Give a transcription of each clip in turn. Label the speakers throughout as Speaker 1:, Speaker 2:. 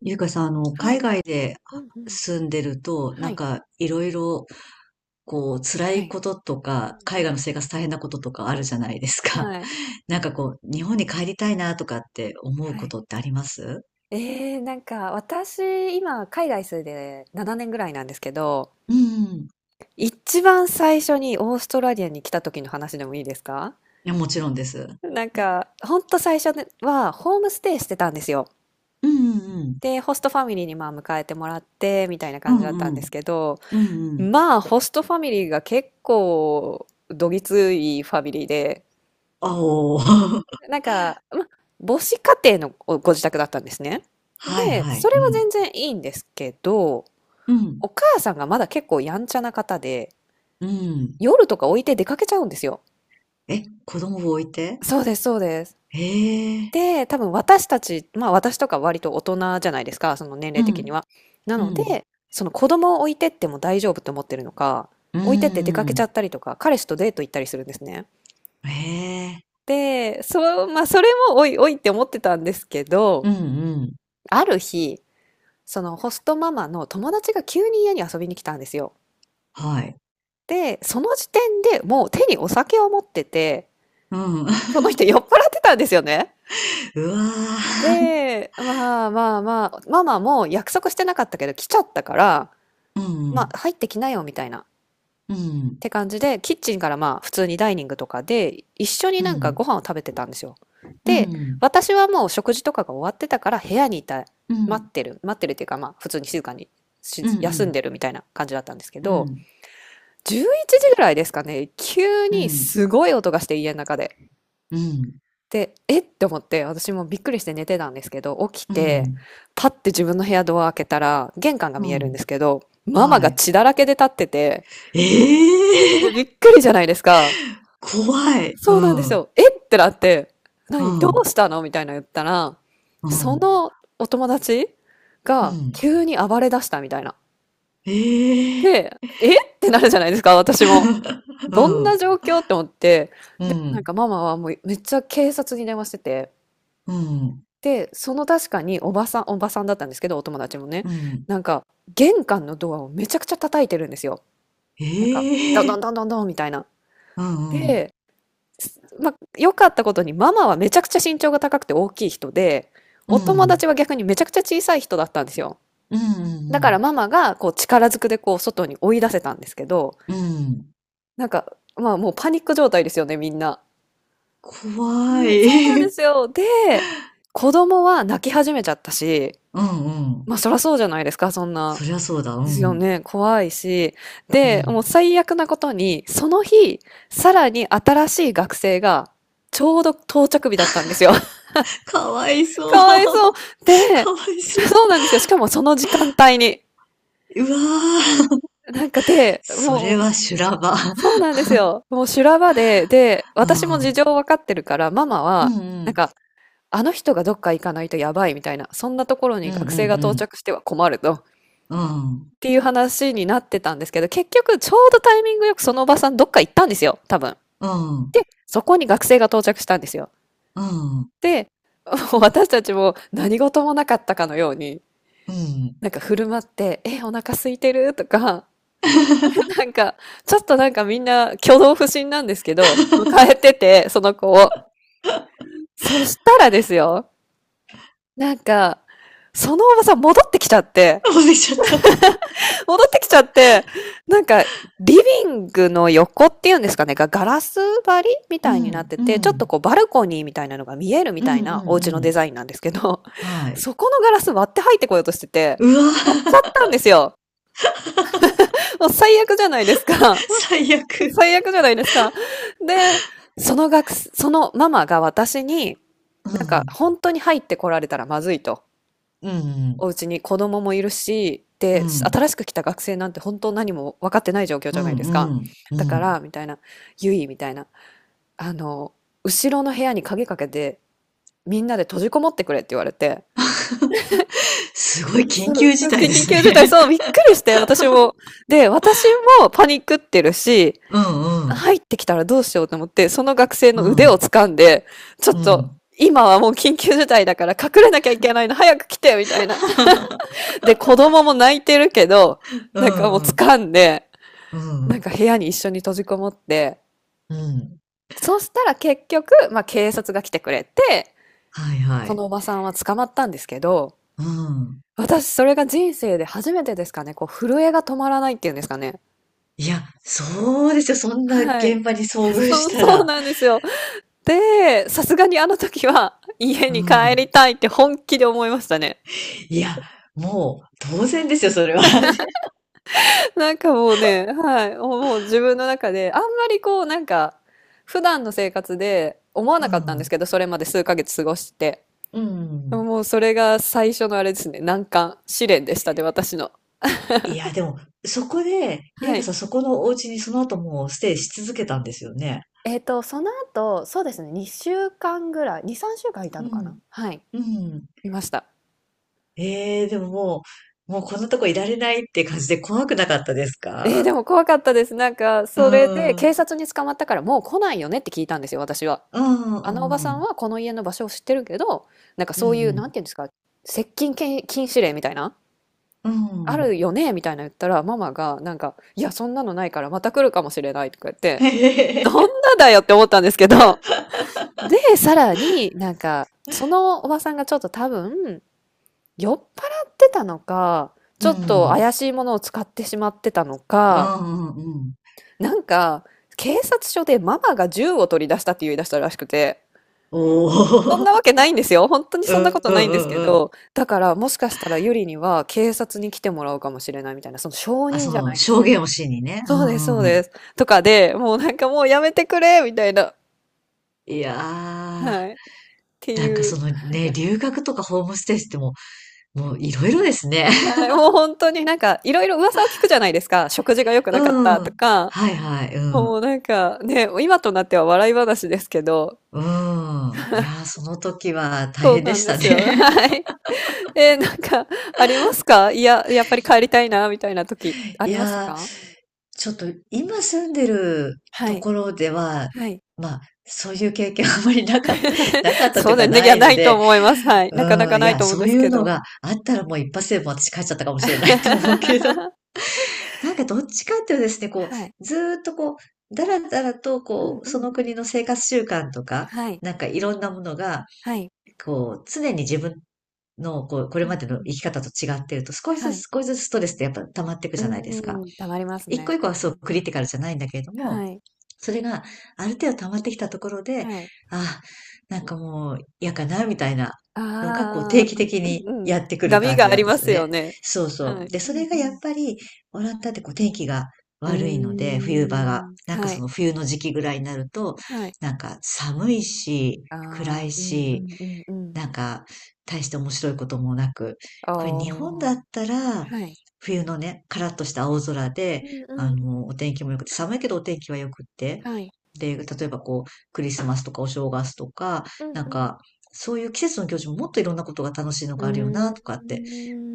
Speaker 1: ゆうかさん、
Speaker 2: は
Speaker 1: 海
Speaker 2: い。
Speaker 1: 外で
Speaker 2: うんうん。
Speaker 1: 住んでると、
Speaker 2: は
Speaker 1: なん
Speaker 2: い。
Speaker 1: か、いろいろ、こう、辛
Speaker 2: は
Speaker 1: い
Speaker 2: い。
Speaker 1: ことと
Speaker 2: うん
Speaker 1: か、
Speaker 2: う
Speaker 1: 海外
Speaker 2: ん。
Speaker 1: の生活大変なこととかあるじゃないですか。
Speaker 2: はい。
Speaker 1: なんかこう、日本に帰りたいなとかって思う
Speaker 2: は
Speaker 1: こ
Speaker 2: い。
Speaker 1: とってあります？
Speaker 2: ええ、なんか私、今海外住んで7年ぐらいなんですけど、
Speaker 1: うん。い
Speaker 2: 一番最初にオーストラリアに来た時の話でもいいですか？
Speaker 1: や、もちろんです。
Speaker 2: なんか、ほんと最初ではホームステイしてたんですよ。
Speaker 1: うんうんうん。
Speaker 2: で、ホストファミリーにまあ迎えてもらってみたいな
Speaker 1: う
Speaker 2: 感じだったん
Speaker 1: んう
Speaker 2: です
Speaker 1: ん。
Speaker 2: けど、
Speaker 1: うんうん。
Speaker 2: まあホストファミリーが結構どぎついファミリーで、
Speaker 1: あおー。
Speaker 2: なんか、ま、母子家庭のおご自宅だったんですね。
Speaker 1: はい
Speaker 2: で、
Speaker 1: は
Speaker 2: そ
Speaker 1: い。
Speaker 2: れ
Speaker 1: う
Speaker 2: は
Speaker 1: ん。
Speaker 2: 全然いいんですけど、
Speaker 1: う
Speaker 2: お
Speaker 1: ん。
Speaker 2: 母さんがまだ結構やんちゃな方で、
Speaker 1: うん。
Speaker 2: 夜とか置いて出かけちゃうんですよ。
Speaker 1: え、子供を置いて？
Speaker 2: そうです、そうです。
Speaker 1: へえ。
Speaker 2: で、多分私たち、まあ私とか割と大人じゃないですか、その年
Speaker 1: う
Speaker 2: 齢的に
Speaker 1: ん。
Speaker 2: は。な
Speaker 1: う
Speaker 2: の
Speaker 1: ん。
Speaker 2: で、その子供を置いてっても大丈夫と思ってるのか、
Speaker 1: う
Speaker 2: 置いてって出かけち
Speaker 1: ん。
Speaker 2: ゃったりとか、彼氏とデート行ったりするんですね。
Speaker 1: へえ。
Speaker 2: で、そう、まあそれもおいおいって思ってたんですけ
Speaker 1: う
Speaker 2: ど、
Speaker 1: んうん。
Speaker 2: ある日、そのホストママの友達が急に家に遊びに来たんですよ。
Speaker 1: はい。
Speaker 2: で、その時点でもう手にお酒を持ってて、
Speaker 1: うん。
Speaker 2: その 人酔っ払ってたんですよね。
Speaker 1: うわー。
Speaker 2: で、まあまあまあ、ママも約束してなかったけど来ちゃったから、
Speaker 1: う
Speaker 2: ま
Speaker 1: ん。
Speaker 2: あ入ってきなよみたいなっ
Speaker 1: うん。
Speaker 2: て感じで、キッチンからまあ普通にダイニングとかで一緒に
Speaker 1: う
Speaker 2: なんか
Speaker 1: ん。
Speaker 2: ご飯を食べてたんですよ。
Speaker 1: う
Speaker 2: で、
Speaker 1: ん。
Speaker 2: 私はもう食事とかが終わってたから部屋にいた、
Speaker 1: う
Speaker 2: 待
Speaker 1: ん。
Speaker 2: ってる、待ってるっていうかまあ普通に静かにし
Speaker 1: う
Speaker 2: 休ん
Speaker 1: ん。
Speaker 2: でるみたいな感じだったんですけ
Speaker 1: う
Speaker 2: ど、
Speaker 1: ん。
Speaker 2: 11時ぐらいですかね、急
Speaker 1: うん。
Speaker 2: に
Speaker 1: うん。
Speaker 2: すごい音がして家の中で。で、えって思って、私もびっくりして寝てたんですけど、起き
Speaker 1: う
Speaker 2: て、
Speaker 1: ん。
Speaker 2: パッて自分の部屋ドア開けたら、玄関が
Speaker 1: う
Speaker 2: 見えるんで
Speaker 1: ん。
Speaker 2: すけど、ママ
Speaker 1: は
Speaker 2: が
Speaker 1: い。
Speaker 2: 血だらけで立ってて、
Speaker 1: ええ
Speaker 2: でび
Speaker 1: ー。
Speaker 2: っくりじゃないですか。
Speaker 1: 怖い。
Speaker 2: そう
Speaker 1: う
Speaker 2: なんです
Speaker 1: ん。
Speaker 2: よ。えってなって、
Speaker 1: う
Speaker 2: 何どう
Speaker 1: ん。
Speaker 2: したのみたいな言ったら、
Speaker 1: う
Speaker 2: そ
Speaker 1: ん。
Speaker 2: のお友達
Speaker 1: う
Speaker 2: が
Speaker 1: ん。
Speaker 2: 急に暴れ出したみたいな。
Speaker 1: ええー。
Speaker 2: で、えってなるじゃないですか、私も。
Speaker 1: う
Speaker 2: どん
Speaker 1: ん。
Speaker 2: な状況って思って、
Speaker 1: う
Speaker 2: でもなん
Speaker 1: ん。
Speaker 2: かママはもうめっちゃ警察に電話してて、
Speaker 1: うん。
Speaker 2: で、その確かにおばさん、おばさんだったんですけど、お友達もね、
Speaker 1: うん。
Speaker 2: なんか玄関のドアをめちゃくちゃ叩いてるんですよ。なんか、どん
Speaker 1: ええ
Speaker 2: ど
Speaker 1: ー。
Speaker 2: んどんどんどんみたいな。
Speaker 1: うん。
Speaker 2: で、まあ、良かったことにママはめちゃくちゃ身長が高くて大きい人で、
Speaker 1: う
Speaker 2: お友
Speaker 1: ん。
Speaker 2: 達は逆にめちゃくちゃ小さい人だったんですよ。
Speaker 1: うん。
Speaker 2: だ
Speaker 1: う
Speaker 2: から
Speaker 1: ん。
Speaker 2: ママがこう力ずくでこう外に追い出せたんですけど、
Speaker 1: うん。
Speaker 2: なんか、まあもうパニック状態ですよね、みんな。
Speaker 1: 怖
Speaker 2: はい、そうなんで
Speaker 1: い。
Speaker 2: すよ。で、子供は泣き始めちゃったし、
Speaker 1: うんうん。
Speaker 2: まあそらそうじゃないですか、そんな。
Speaker 1: そりゃそうだ。う
Speaker 2: ですよ
Speaker 1: ん。
Speaker 2: ね、怖いし。
Speaker 1: う
Speaker 2: で、もう
Speaker 1: ん。
Speaker 2: 最悪なことに、その日、さらに新しい学生が、ちょうど到着日だったんですよ。
Speaker 1: かわいそう。
Speaker 2: かわいそう。で、
Speaker 1: かわいそう。
Speaker 2: そうなんですよ。しかもその時間帯に。
Speaker 1: うわー。
Speaker 2: なんか で、
Speaker 1: それ
Speaker 2: もう、
Speaker 1: は修羅場。
Speaker 2: そう なんですよ。もう修羅場で、で、
Speaker 1: う
Speaker 2: 私も事
Speaker 1: ん。
Speaker 2: 情わかってるから、ママ
Speaker 1: う
Speaker 2: は、
Speaker 1: ん、う
Speaker 2: なん
Speaker 1: ん。
Speaker 2: か、あの人がどっか行かないとやばいみたいな、そんなところ
Speaker 1: う
Speaker 2: に
Speaker 1: ん、うん、
Speaker 2: 学生が
Speaker 1: う
Speaker 2: 到
Speaker 1: ん。
Speaker 2: 着しては困ると、っ
Speaker 1: うん、
Speaker 2: ていう話になってたんですけど、結局ちょうどタイミングよくそのおばさんどっか行ったんですよ、多分。
Speaker 1: うん、
Speaker 2: で、そこに学生が到着したんですよ。
Speaker 1: うん。
Speaker 2: で、もう私たちも何事もなかったかのように、
Speaker 1: うん。
Speaker 2: なんか振る舞って、え、お腹空いてるとか、なんか、ちょっとなんかみんな挙動不審なんですけど、迎えてて、その子を。そしたらですよ、なんか、そのおばさん戻ってきちゃって、
Speaker 1: もう出ちゃった。
Speaker 2: 戻ってきちゃって、なんか、リビングの横っていうんですかね、がガラス張りみ
Speaker 1: う
Speaker 2: たいになっ
Speaker 1: ん、
Speaker 2: て
Speaker 1: う
Speaker 2: て、ちょっと
Speaker 1: ん。
Speaker 2: こうバルコニーみたいなのが見えるみ
Speaker 1: う
Speaker 2: た
Speaker 1: ん、
Speaker 2: いなお
Speaker 1: うん、
Speaker 2: 家
Speaker 1: う
Speaker 2: のデ
Speaker 1: ん。
Speaker 2: ザインなんですけど、
Speaker 1: は い。
Speaker 2: そこのガラス割って入ってこようとしてて、
Speaker 1: うわ
Speaker 2: 割っちゃ
Speaker 1: ー。
Speaker 2: ったんですよ。もう最悪じゃないですか。
Speaker 1: 最 悪。
Speaker 2: 最悪じゃないですか。で、その学生、そのママが私に、
Speaker 1: う
Speaker 2: なんか
Speaker 1: ん、
Speaker 2: 本当に入ってこられたらまずいと。
Speaker 1: うん、うん。
Speaker 2: お家に子供もいるし、
Speaker 1: う
Speaker 2: で、
Speaker 1: ん、
Speaker 2: 新しく来た学生なんて本当何も分かってない状況
Speaker 1: う
Speaker 2: じゃない
Speaker 1: ん
Speaker 2: ですか。
Speaker 1: うん、う
Speaker 2: だか
Speaker 1: ん。
Speaker 2: ら、みたいな、ゆい、みたいな、あの、後ろの部屋に鍵かけて、みんなで閉じこもってくれって言われて、
Speaker 1: すごい
Speaker 2: そ
Speaker 1: 緊
Speaker 2: う、
Speaker 1: 急事態で
Speaker 2: 緊
Speaker 1: す
Speaker 2: 急事態、
Speaker 1: ね。
Speaker 2: そう、びっくりして、私も。で、私もパニックってるし、
Speaker 1: うん、うん。
Speaker 2: 入ってきたらどうしようと思って、その学生
Speaker 1: う
Speaker 2: の腕を
Speaker 1: ん、
Speaker 2: 掴んで、ちょっ
Speaker 1: う
Speaker 2: と、
Speaker 1: ん。
Speaker 2: 今はもう緊急事態だから隠れなきゃいけないの、早く来て、みたいな。で、子供も泣いてるけど、
Speaker 1: う
Speaker 2: なんかもう
Speaker 1: んうん、
Speaker 2: 掴んで、
Speaker 1: う
Speaker 2: なん
Speaker 1: ん。
Speaker 2: か部屋に一緒に閉じこもって、
Speaker 1: うん。
Speaker 2: そしたら結局、まあ警察が来てくれて、
Speaker 1: はいは
Speaker 2: その
Speaker 1: い。
Speaker 2: おばさんは捕まったんですけど、
Speaker 1: うん。
Speaker 2: 私それが人生で初めてですかね、こう震えが止まらないっていうんですかね。
Speaker 1: いや、そうですよ。そんな
Speaker 2: は
Speaker 1: 現
Speaker 2: い。
Speaker 1: 場に遭 遇
Speaker 2: そ
Speaker 1: し
Speaker 2: う、
Speaker 1: た
Speaker 2: そ
Speaker 1: ら。
Speaker 2: うなんですよ。で、さすがにあの時は家
Speaker 1: う
Speaker 2: に帰
Speaker 1: ん。
Speaker 2: りたいって本気で思いましたね。
Speaker 1: いや、もう当然ですよ、それは。
Speaker 2: なんかもうね、はい、もう自分の中で、あんまりこう、なんか、普段の生活で思わ
Speaker 1: う
Speaker 2: なかったんです
Speaker 1: ん。
Speaker 2: けど、それまで数ヶ月過ごして。
Speaker 1: う
Speaker 2: でも
Speaker 1: ん。
Speaker 2: もうそれが最初のあれですね、難関、試練でしたね、私の。
Speaker 1: いや、でも、そこで、ゆ
Speaker 2: は
Speaker 1: いか
Speaker 2: い。
Speaker 1: さん、そこのお家にその後もうステイし続けたんですよね。
Speaker 2: えっと、その後、そうですね、2週間ぐらい、2、3週間いた
Speaker 1: う
Speaker 2: のかな
Speaker 1: ん。
Speaker 2: はい。
Speaker 1: うん。
Speaker 2: いました。
Speaker 1: ええでももうこんなとこいられないって感じで怖くなかったです
Speaker 2: えー、
Speaker 1: か？
Speaker 2: でも怖かったです。なんか、
Speaker 1: うん。
Speaker 2: それで
Speaker 1: うん、
Speaker 2: 警察に捕まったからもう来ないよねって聞いたんですよ、私は。あのお
Speaker 1: う
Speaker 2: ばさん
Speaker 1: ん。
Speaker 2: はこの家の場所を知ってるけど、なんか
Speaker 1: う
Speaker 2: そういう、な
Speaker 1: ん。
Speaker 2: んていうんですか、接近禁止令みたいな、
Speaker 1: う
Speaker 2: あ
Speaker 1: ん。うん。
Speaker 2: るよねみたいな言ったら、ママが、なんか、いや、そんなのないからまた来るかもしれないとか言って、ど んなだよって思ったんですけど、で、さらになんか、そのおばさんがちょっと多分、酔っ払ってたのか、
Speaker 1: う
Speaker 2: ちょっと
Speaker 1: ん。
Speaker 2: 怪しいものを使ってしまってたの
Speaker 1: う
Speaker 2: か、
Speaker 1: ん、うん、うん。
Speaker 2: なんか、警察署でママが銃を取り出したって言い出したらしくて、
Speaker 1: お
Speaker 2: そん
Speaker 1: ー、
Speaker 2: なわけ ないんですよ。本当に
Speaker 1: う
Speaker 2: そんなこ
Speaker 1: ん
Speaker 2: と
Speaker 1: う
Speaker 2: ない
Speaker 1: ん
Speaker 2: んです
Speaker 1: う
Speaker 2: け
Speaker 1: んうん。
Speaker 2: ど、だからもしかしたらユリには警察に来てもらうかもしれないみたいな、その証
Speaker 1: あ、
Speaker 2: 人
Speaker 1: そ
Speaker 2: じゃな
Speaker 1: の、
Speaker 2: いです
Speaker 1: 証
Speaker 2: けど。
Speaker 1: 言をしにね。う
Speaker 2: そうです、そう
Speaker 1: んうん。
Speaker 2: です。とかで、もうなんかもうやめてくれみたいな。
Speaker 1: いやー、
Speaker 2: はい。って
Speaker 1: なんか
Speaker 2: い
Speaker 1: そ
Speaker 2: う。
Speaker 1: のね、留学とかホームステイってもう、もういろいろですね。
Speaker 2: はい。もう本当になんかいろいろ噂を聞くじゃないですか。食事が良く なかっ
Speaker 1: う
Speaker 2: たと
Speaker 1: ん。
Speaker 2: か。
Speaker 1: はいはい、う
Speaker 2: も
Speaker 1: ん。
Speaker 2: うなんかね、今となっては笑い話ですけど。
Speaker 1: うん。いやー、その時は大
Speaker 2: そう
Speaker 1: 変で
Speaker 2: なん
Speaker 1: し
Speaker 2: で
Speaker 1: た
Speaker 2: すよ。
Speaker 1: ね。
Speaker 2: はい。えー、なんかありますかいや、やっぱり帰りたいな、みたいな時 あ
Speaker 1: い
Speaker 2: りました
Speaker 1: やー、
Speaker 2: か
Speaker 1: ちょっと今住んでる
Speaker 2: は
Speaker 1: と
Speaker 2: い。
Speaker 1: ころでは、
Speaker 2: はい。
Speaker 1: まあ、そういう経験あんまりなかった、なか った
Speaker 2: そ
Speaker 1: とい
Speaker 2: う
Speaker 1: う
Speaker 2: だ
Speaker 1: か
Speaker 2: よね。い
Speaker 1: な
Speaker 2: や、
Speaker 1: い
Speaker 2: な
Speaker 1: の
Speaker 2: いと
Speaker 1: で、
Speaker 2: 思います。はい。なかな
Speaker 1: う
Speaker 2: か
Speaker 1: ん、い
Speaker 2: ない
Speaker 1: や、
Speaker 2: と思うん
Speaker 1: そう
Speaker 2: で
Speaker 1: い
Speaker 2: す
Speaker 1: う
Speaker 2: け
Speaker 1: の
Speaker 2: ど。
Speaker 1: があったらもう一発でもう私帰っちゃったかもしれないって思うけど。なんかどっちかっていうとですね、こ
Speaker 2: はい。
Speaker 1: う、ずーっとこう、だらだらと
Speaker 2: うん
Speaker 1: こう、
Speaker 2: うん
Speaker 1: その
Speaker 2: うん。
Speaker 1: 国の生活習慣とか、
Speaker 2: はい。
Speaker 1: なんかいろんなものが、
Speaker 2: はい。
Speaker 1: こう、常に自分のこう、こ
Speaker 2: う
Speaker 1: れま
Speaker 2: ん
Speaker 1: で
Speaker 2: う
Speaker 1: の
Speaker 2: ん。
Speaker 1: 生き方と違ってると、少し
Speaker 2: は
Speaker 1: ず
Speaker 2: い。
Speaker 1: つ少しずつストレスってやっぱ溜まっていく
Speaker 2: う
Speaker 1: じゃないですか。
Speaker 2: ーん、溜まります
Speaker 1: 一個
Speaker 2: ね。
Speaker 1: 一個は
Speaker 2: う
Speaker 1: そう
Speaker 2: ん。
Speaker 1: クリティカルじゃないんだけれども、
Speaker 2: はい。
Speaker 1: それが、ある程度溜まってきたところで、
Speaker 2: はい。
Speaker 1: ああ、なんかもう嫌かな、みたいなのが、こう、
Speaker 2: ああ、
Speaker 1: 定期的
Speaker 2: う
Speaker 1: に
Speaker 2: んうんうん。
Speaker 1: やってくる
Speaker 2: 波
Speaker 1: 感
Speaker 2: が
Speaker 1: じ
Speaker 2: あ
Speaker 1: なん
Speaker 2: り
Speaker 1: で
Speaker 2: ま
Speaker 1: すよ
Speaker 2: すよ
Speaker 1: ね。
Speaker 2: ね。
Speaker 1: そうそ
Speaker 2: は
Speaker 1: う。
Speaker 2: い。
Speaker 1: で、
Speaker 2: う
Speaker 1: それ
Speaker 2: ん
Speaker 1: が
Speaker 2: う
Speaker 1: やっ
Speaker 2: ん。
Speaker 1: ぱり、オランダってこう、天気が
Speaker 2: うー
Speaker 1: 悪いので、冬場が。
Speaker 2: ん。
Speaker 1: なんか
Speaker 2: は
Speaker 1: そ
Speaker 2: い。
Speaker 1: の冬の時期ぐらいになると、
Speaker 2: はい。
Speaker 1: なんか寒いし、暗
Speaker 2: ああ、
Speaker 1: い
Speaker 2: うんう
Speaker 1: し、
Speaker 2: んうんうん。
Speaker 1: なんか、大して面白いこともなく、
Speaker 2: あ
Speaker 1: これ日本だ
Speaker 2: あ。
Speaker 1: ったら、
Speaker 2: はい。
Speaker 1: 冬のね、カラッとした青空
Speaker 2: う
Speaker 1: で、
Speaker 2: んうんうん。
Speaker 1: お天気も良くて、寒いけどお天気は良くって、
Speaker 2: はい。
Speaker 1: で、例えばこう、クリスマスとかお正月とか、
Speaker 2: うん
Speaker 1: なん
Speaker 2: うん。
Speaker 1: か、そういう季節の行事ももっといろんなことが楽しいの
Speaker 2: う
Speaker 1: があるよな、と
Speaker 2: ー
Speaker 1: かって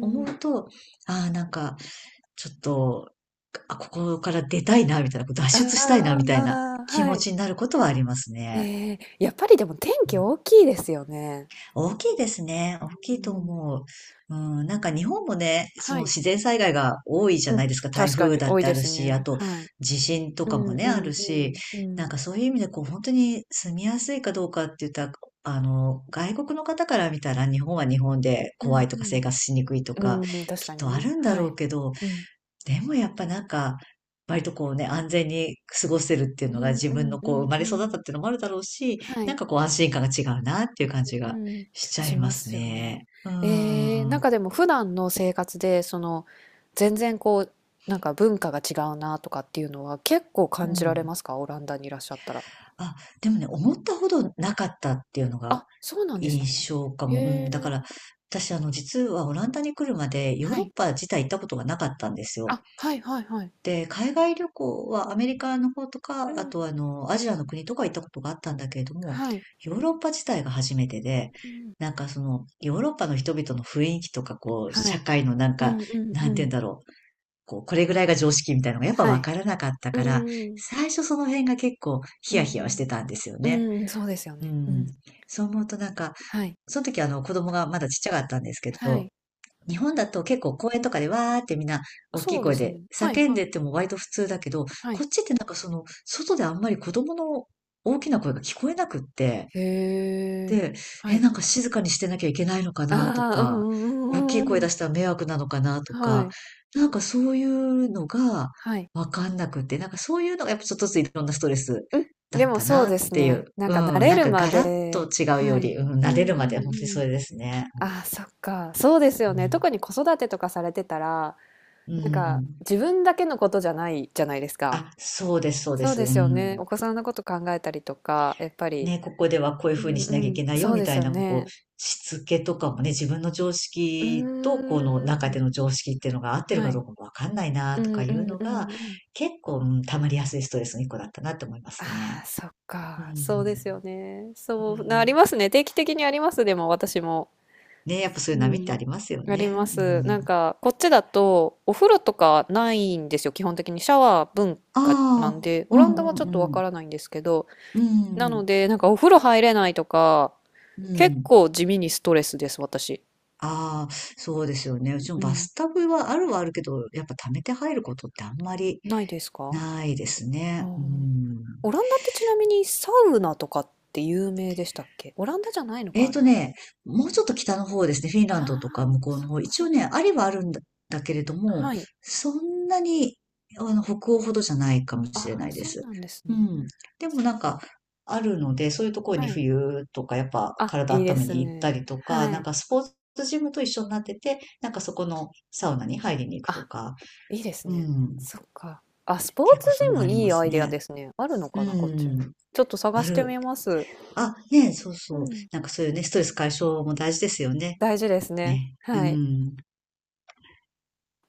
Speaker 1: 思うと、ああ、なんか、ちょっと、あ、ここから出たいな、みたいな、脱
Speaker 2: あ
Speaker 1: 出したいな、みたいな
Speaker 2: あ、
Speaker 1: 気
Speaker 2: は
Speaker 1: 持
Speaker 2: い。
Speaker 1: ちになることはありますね。
Speaker 2: ええ、やっぱりでも天気大きいですよね。
Speaker 1: 大きいですね。大
Speaker 2: う
Speaker 1: きいと
Speaker 2: ん、
Speaker 1: 思う。うん、なんか日本もね、そ
Speaker 2: は
Speaker 1: の
Speaker 2: い。
Speaker 1: 自然災害が多いじゃ
Speaker 2: うん、
Speaker 1: ないですか。台
Speaker 2: 確か
Speaker 1: 風
Speaker 2: に
Speaker 1: だっ
Speaker 2: 多い
Speaker 1: てあ
Speaker 2: で
Speaker 1: る
Speaker 2: す
Speaker 1: し、あ
Speaker 2: ね。
Speaker 1: と
Speaker 2: はい。
Speaker 1: 地震と
Speaker 2: う
Speaker 1: かも
Speaker 2: んう
Speaker 1: ね、あ
Speaker 2: ん
Speaker 1: る
Speaker 2: う
Speaker 1: し、
Speaker 2: ん。う
Speaker 1: なん
Speaker 2: ん。
Speaker 1: かそういう意味でこう本当に住みやすいかどうかって言ったら、外国の方から見たら日本は日本で
Speaker 2: う
Speaker 1: 怖
Speaker 2: ん
Speaker 1: い
Speaker 2: う
Speaker 1: とか生
Speaker 2: ん。
Speaker 1: 活しにくいとか、
Speaker 2: うーん、確
Speaker 1: きっ
Speaker 2: かに
Speaker 1: とあ
Speaker 2: ね。
Speaker 1: るんだ
Speaker 2: は
Speaker 1: ろう
Speaker 2: い。
Speaker 1: けど、
Speaker 2: うん。
Speaker 1: でもやっぱなんか、割とこうね、安全に過ごせるっていう
Speaker 2: う
Speaker 1: のが
Speaker 2: ん
Speaker 1: 自
Speaker 2: う
Speaker 1: 分
Speaker 2: ん
Speaker 1: の
Speaker 2: うんうんう
Speaker 1: こう生
Speaker 2: ん
Speaker 1: ま
Speaker 2: うんうん確か
Speaker 1: れ育
Speaker 2: に
Speaker 1: っ
Speaker 2: ね
Speaker 1: たっていうのもあるだろうし、
Speaker 2: は
Speaker 1: なん
Speaker 2: い。
Speaker 1: かこう安心感が違うなっていう感じ
Speaker 2: う
Speaker 1: が
Speaker 2: ん、
Speaker 1: しちゃ
Speaker 2: し
Speaker 1: いま
Speaker 2: ま
Speaker 1: す
Speaker 2: すよね。
Speaker 1: ね。うー
Speaker 2: えー、なん
Speaker 1: ん。
Speaker 2: かでも普段の生活で、その、全然こう、なんか文化が違うなとかっていうのは結構
Speaker 1: う
Speaker 2: 感じられ
Speaker 1: ん。
Speaker 2: ますかオランダにいらっしゃったら。
Speaker 1: あ、でもね、思ったほどなかったっていうのが
Speaker 2: あ、そうなんですね。
Speaker 1: 印象か
Speaker 2: へ
Speaker 1: も。うん、だ
Speaker 2: え。
Speaker 1: から、私実はオランダに来るまでヨー
Speaker 2: は
Speaker 1: ロッ
Speaker 2: い。
Speaker 1: パ自体行ったことがなかったんですよ。
Speaker 2: あ、はいはいはい。
Speaker 1: で、海外旅行はアメリカの方と
Speaker 2: う
Speaker 1: か、あ
Speaker 2: ん。
Speaker 1: とアジアの国とか行ったことがあったんだけれども、
Speaker 2: はい。
Speaker 1: ヨーロッパ自体が初めてで、
Speaker 2: うん。
Speaker 1: なんかその、ヨーロッパの人々の雰囲気とか、こう、
Speaker 2: は
Speaker 1: 社
Speaker 2: い。
Speaker 1: 会のなん
Speaker 2: う
Speaker 1: か、
Speaker 2: んうん
Speaker 1: な
Speaker 2: う
Speaker 1: んて言う
Speaker 2: ん。
Speaker 1: んだろう。こう、これぐらいが常識みたいなのがやっぱ
Speaker 2: は
Speaker 1: わ
Speaker 2: い。
Speaker 1: からなかった
Speaker 2: うん
Speaker 1: から、
Speaker 2: うん。
Speaker 1: 最初その辺が結構ヒ
Speaker 2: う
Speaker 1: ヤヒヤはし
Speaker 2: ん。
Speaker 1: てたんですよね。
Speaker 2: うん、そうですよ
Speaker 1: う
Speaker 2: ね。う
Speaker 1: ん。
Speaker 2: ん。
Speaker 1: そう思うとなんか、
Speaker 2: はい。
Speaker 1: その時子供がまだちっちゃかったんですけ
Speaker 2: は
Speaker 1: ど、
Speaker 2: い。
Speaker 1: 日本だと結構公園とかでわーってみんな大き
Speaker 2: そ
Speaker 1: い
Speaker 2: うで
Speaker 1: 声
Speaker 2: す
Speaker 1: で
Speaker 2: ね。はい
Speaker 1: 叫ん
Speaker 2: は
Speaker 1: で
Speaker 2: い。
Speaker 1: っても割と普通だけど、
Speaker 2: は
Speaker 1: こ
Speaker 2: い。
Speaker 1: っちってなんかその外であんまり子供の大きな声が聞こえなくって、
Speaker 2: へえ。
Speaker 1: で、
Speaker 2: は
Speaker 1: え、
Speaker 2: い。
Speaker 1: なんか静かにしてなきゃいけないのか
Speaker 2: あ
Speaker 1: なと
Speaker 2: あ、う
Speaker 1: か、
Speaker 2: んう
Speaker 1: 大き
Speaker 2: んう
Speaker 1: い
Speaker 2: んうんう
Speaker 1: 声出
Speaker 2: ん。
Speaker 1: したら迷惑なのかなと
Speaker 2: は
Speaker 1: か、
Speaker 2: い。
Speaker 1: なんかそういうのが
Speaker 2: はい。
Speaker 1: わかんなくって、なんかそういうのがやっぱちょっとずついろんなストレス
Speaker 2: うん、
Speaker 1: だ
Speaker 2: で
Speaker 1: っ
Speaker 2: も
Speaker 1: た
Speaker 2: そう
Speaker 1: なっ
Speaker 2: です
Speaker 1: てい
Speaker 2: ね。
Speaker 1: う。
Speaker 2: なん
Speaker 1: う
Speaker 2: か慣
Speaker 1: ん、
Speaker 2: れ
Speaker 1: なん
Speaker 2: る
Speaker 1: か
Speaker 2: ま
Speaker 1: ガラッ
Speaker 2: で
Speaker 1: と違う
Speaker 2: は
Speaker 1: よ
Speaker 2: い。
Speaker 1: り、うん、
Speaker 2: う
Speaker 1: 慣れ
Speaker 2: んう
Speaker 1: るまで
Speaker 2: ん
Speaker 1: 本当に
Speaker 2: う
Speaker 1: そ
Speaker 2: ん。
Speaker 1: れですね。
Speaker 2: ああ、そっか。そうですよ
Speaker 1: う
Speaker 2: ね。
Speaker 1: ん。
Speaker 2: 特に子育てとかされてたら、
Speaker 1: う
Speaker 2: なんか
Speaker 1: ん、
Speaker 2: 自分だけのことじゃないじゃないですか。
Speaker 1: あ、そうです、そうで
Speaker 2: そう
Speaker 1: す。
Speaker 2: で
Speaker 1: う
Speaker 2: すよね。
Speaker 1: ん。
Speaker 2: お子さんのこと考えたりとか、やっぱり。
Speaker 1: ね、ここではこういう
Speaker 2: う
Speaker 1: ふうに
Speaker 2: ん
Speaker 1: し
Speaker 2: う
Speaker 1: なきゃい
Speaker 2: ん。
Speaker 1: けないよ、
Speaker 2: そう
Speaker 1: み
Speaker 2: で
Speaker 1: た
Speaker 2: す
Speaker 1: い
Speaker 2: よ
Speaker 1: な、こ
Speaker 2: ね。
Speaker 1: う、しつけとかもね、自分の常
Speaker 2: う
Speaker 1: 識と、この
Speaker 2: ー
Speaker 1: 中
Speaker 2: ん。
Speaker 1: での常識っていうのが合ってる
Speaker 2: は
Speaker 1: かど
Speaker 2: い。
Speaker 1: うかもわかんないな、
Speaker 2: う
Speaker 1: と
Speaker 2: ん
Speaker 1: か
Speaker 2: う
Speaker 1: いう
Speaker 2: んう
Speaker 1: の
Speaker 2: ん
Speaker 1: が、
Speaker 2: うん。
Speaker 1: 結構、うん、溜まりやすいストレスの一個だったなって思います
Speaker 2: あ
Speaker 1: ね。
Speaker 2: あ、そっ
Speaker 1: う
Speaker 2: か。そうですよ
Speaker 1: ん。
Speaker 2: ね。
Speaker 1: う
Speaker 2: そうな、あり
Speaker 1: ん。
Speaker 2: ますね。定期的にあります、でも私も。
Speaker 1: ね、やっぱそういう
Speaker 2: う
Speaker 1: 波ってあ
Speaker 2: ん。
Speaker 1: りますよ
Speaker 2: ありま
Speaker 1: ね。う
Speaker 2: す。なん
Speaker 1: ん。
Speaker 2: か、こっちだと、お風呂とかないんですよ。基本的にシャワー文
Speaker 1: あ
Speaker 2: 化なんで、
Speaker 1: あ、う
Speaker 2: オランダは
Speaker 1: ん
Speaker 2: ちょ
Speaker 1: う
Speaker 2: っとわ
Speaker 1: んうん。
Speaker 2: からないんですけど、
Speaker 1: う
Speaker 2: なの
Speaker 1: ん。
Speaker 2: で、なんかお風呂入れないとか、
Speaker 1: う
Speaker 2: 結
Speaker 1: ん。
Speaker 2: 構地味にストレスです、私。
Speaker 1: ああ、そうですよね。うちも
Speaker 2: う
Speaker 1: バ
Speaker 2: ん。
Speaker 1: スタブはあるはあるけど、やっぱ溜めて入ることってあんまり
Speaker 2: ないですか？
Speaker 1: ないです
Speaker 2: あー
Speaker 1: ね。うん。
Speaker 2: オランダってちなみにサウナとかって有名でしたっけ？オランダじゃないのか、あれは。
Speaker 1: ね、もうちょっと北の方ですね。フィン
Speaker 2: あ
Speaker 1: ラン
Speaker 2: あ、
Speaker 1: ドとか向こう
Speaker 2: そ
Speaker 1: の
Speaker 2: っ
Speaker 1: 方。
Speaker 2: か
Speaker 1: 一
Speaker 2: そっ
Speaker 1: 応ね、
Speaker 2: か。
Speaker 1: ありはあるんだ、だけれども、
Speaker 2: はい。
Speaker 1: そんなに、北欧ほどじゃないかもしれ
Speaker 2: あ
Speaker 1: な
Speaker 2: あ、
Speaker 1: いで
Speaker 2: そう
Speaker 1: す。
Speaker 2: なんです
Speaker 1: う
Speaker 2: ね。
Speaker 1: ん。でも
Speaker 2: そっ
Speaker 1: なんか、
Speaker 2: か。
Speaker 1: あるので、そういうところ
Speaker 2: は
Speaker 1: に
Speaker 2: い。
Speaker 1: 冬とか、やっぱ
Speaker 2: あ、
Speaker 1: 体
Speaker 2: いいで
Speaker 1: 温め
Speaker 2: す
Speaker 1: に行った
Speaker 2: ね。
Speaker 1: りとか、
Speaker 2: は
Speaker 1: なん
Speaker 2: い。
Speaker 1: かスポーツジムと一緒になってて、なんかそこのサウナに入りに行くと
Speaker 2: あ、
Speaker 1: か、
Speaker 2: いいです
Speaker 1: う
Speaker 2: ね。
Speaker 1: ん。
Speaker 2: そっか。あ、スポー
Speaker 1: 結
Speaker 2: ツ
Speaker 1: 構そういう
Speaker 2: ジ
Speaker 1: の
Speaker 2: ム
Speaker 1: あり
Speaker 2: い
Speaker 1: ま
Speaker 2: いア
Speaker 1: す
Speaker 2: イデア
Speaker 1: ね。
Speaker 2: ですね。あるの
Speaker 1: う
Speaker 2: かな、こっちも。
Speaker 1: ん。
Speaker 2: ちょっと探
Speaker 1: あ
Speaker 2: して
Speaker 1: る、
Speaker 2: みます。
Speaker 1: あ、ねえ、そう
Speaker 2: う
Speaker 1: そう。
Speaker 2: ん。
Speaker 1: なんかそういうね、ストレス解消も大事ですよね。
Speaker 2: 大事ですね。
Speaker 1: ね。う
Speaker 2: はい。
Speaker 1: ん。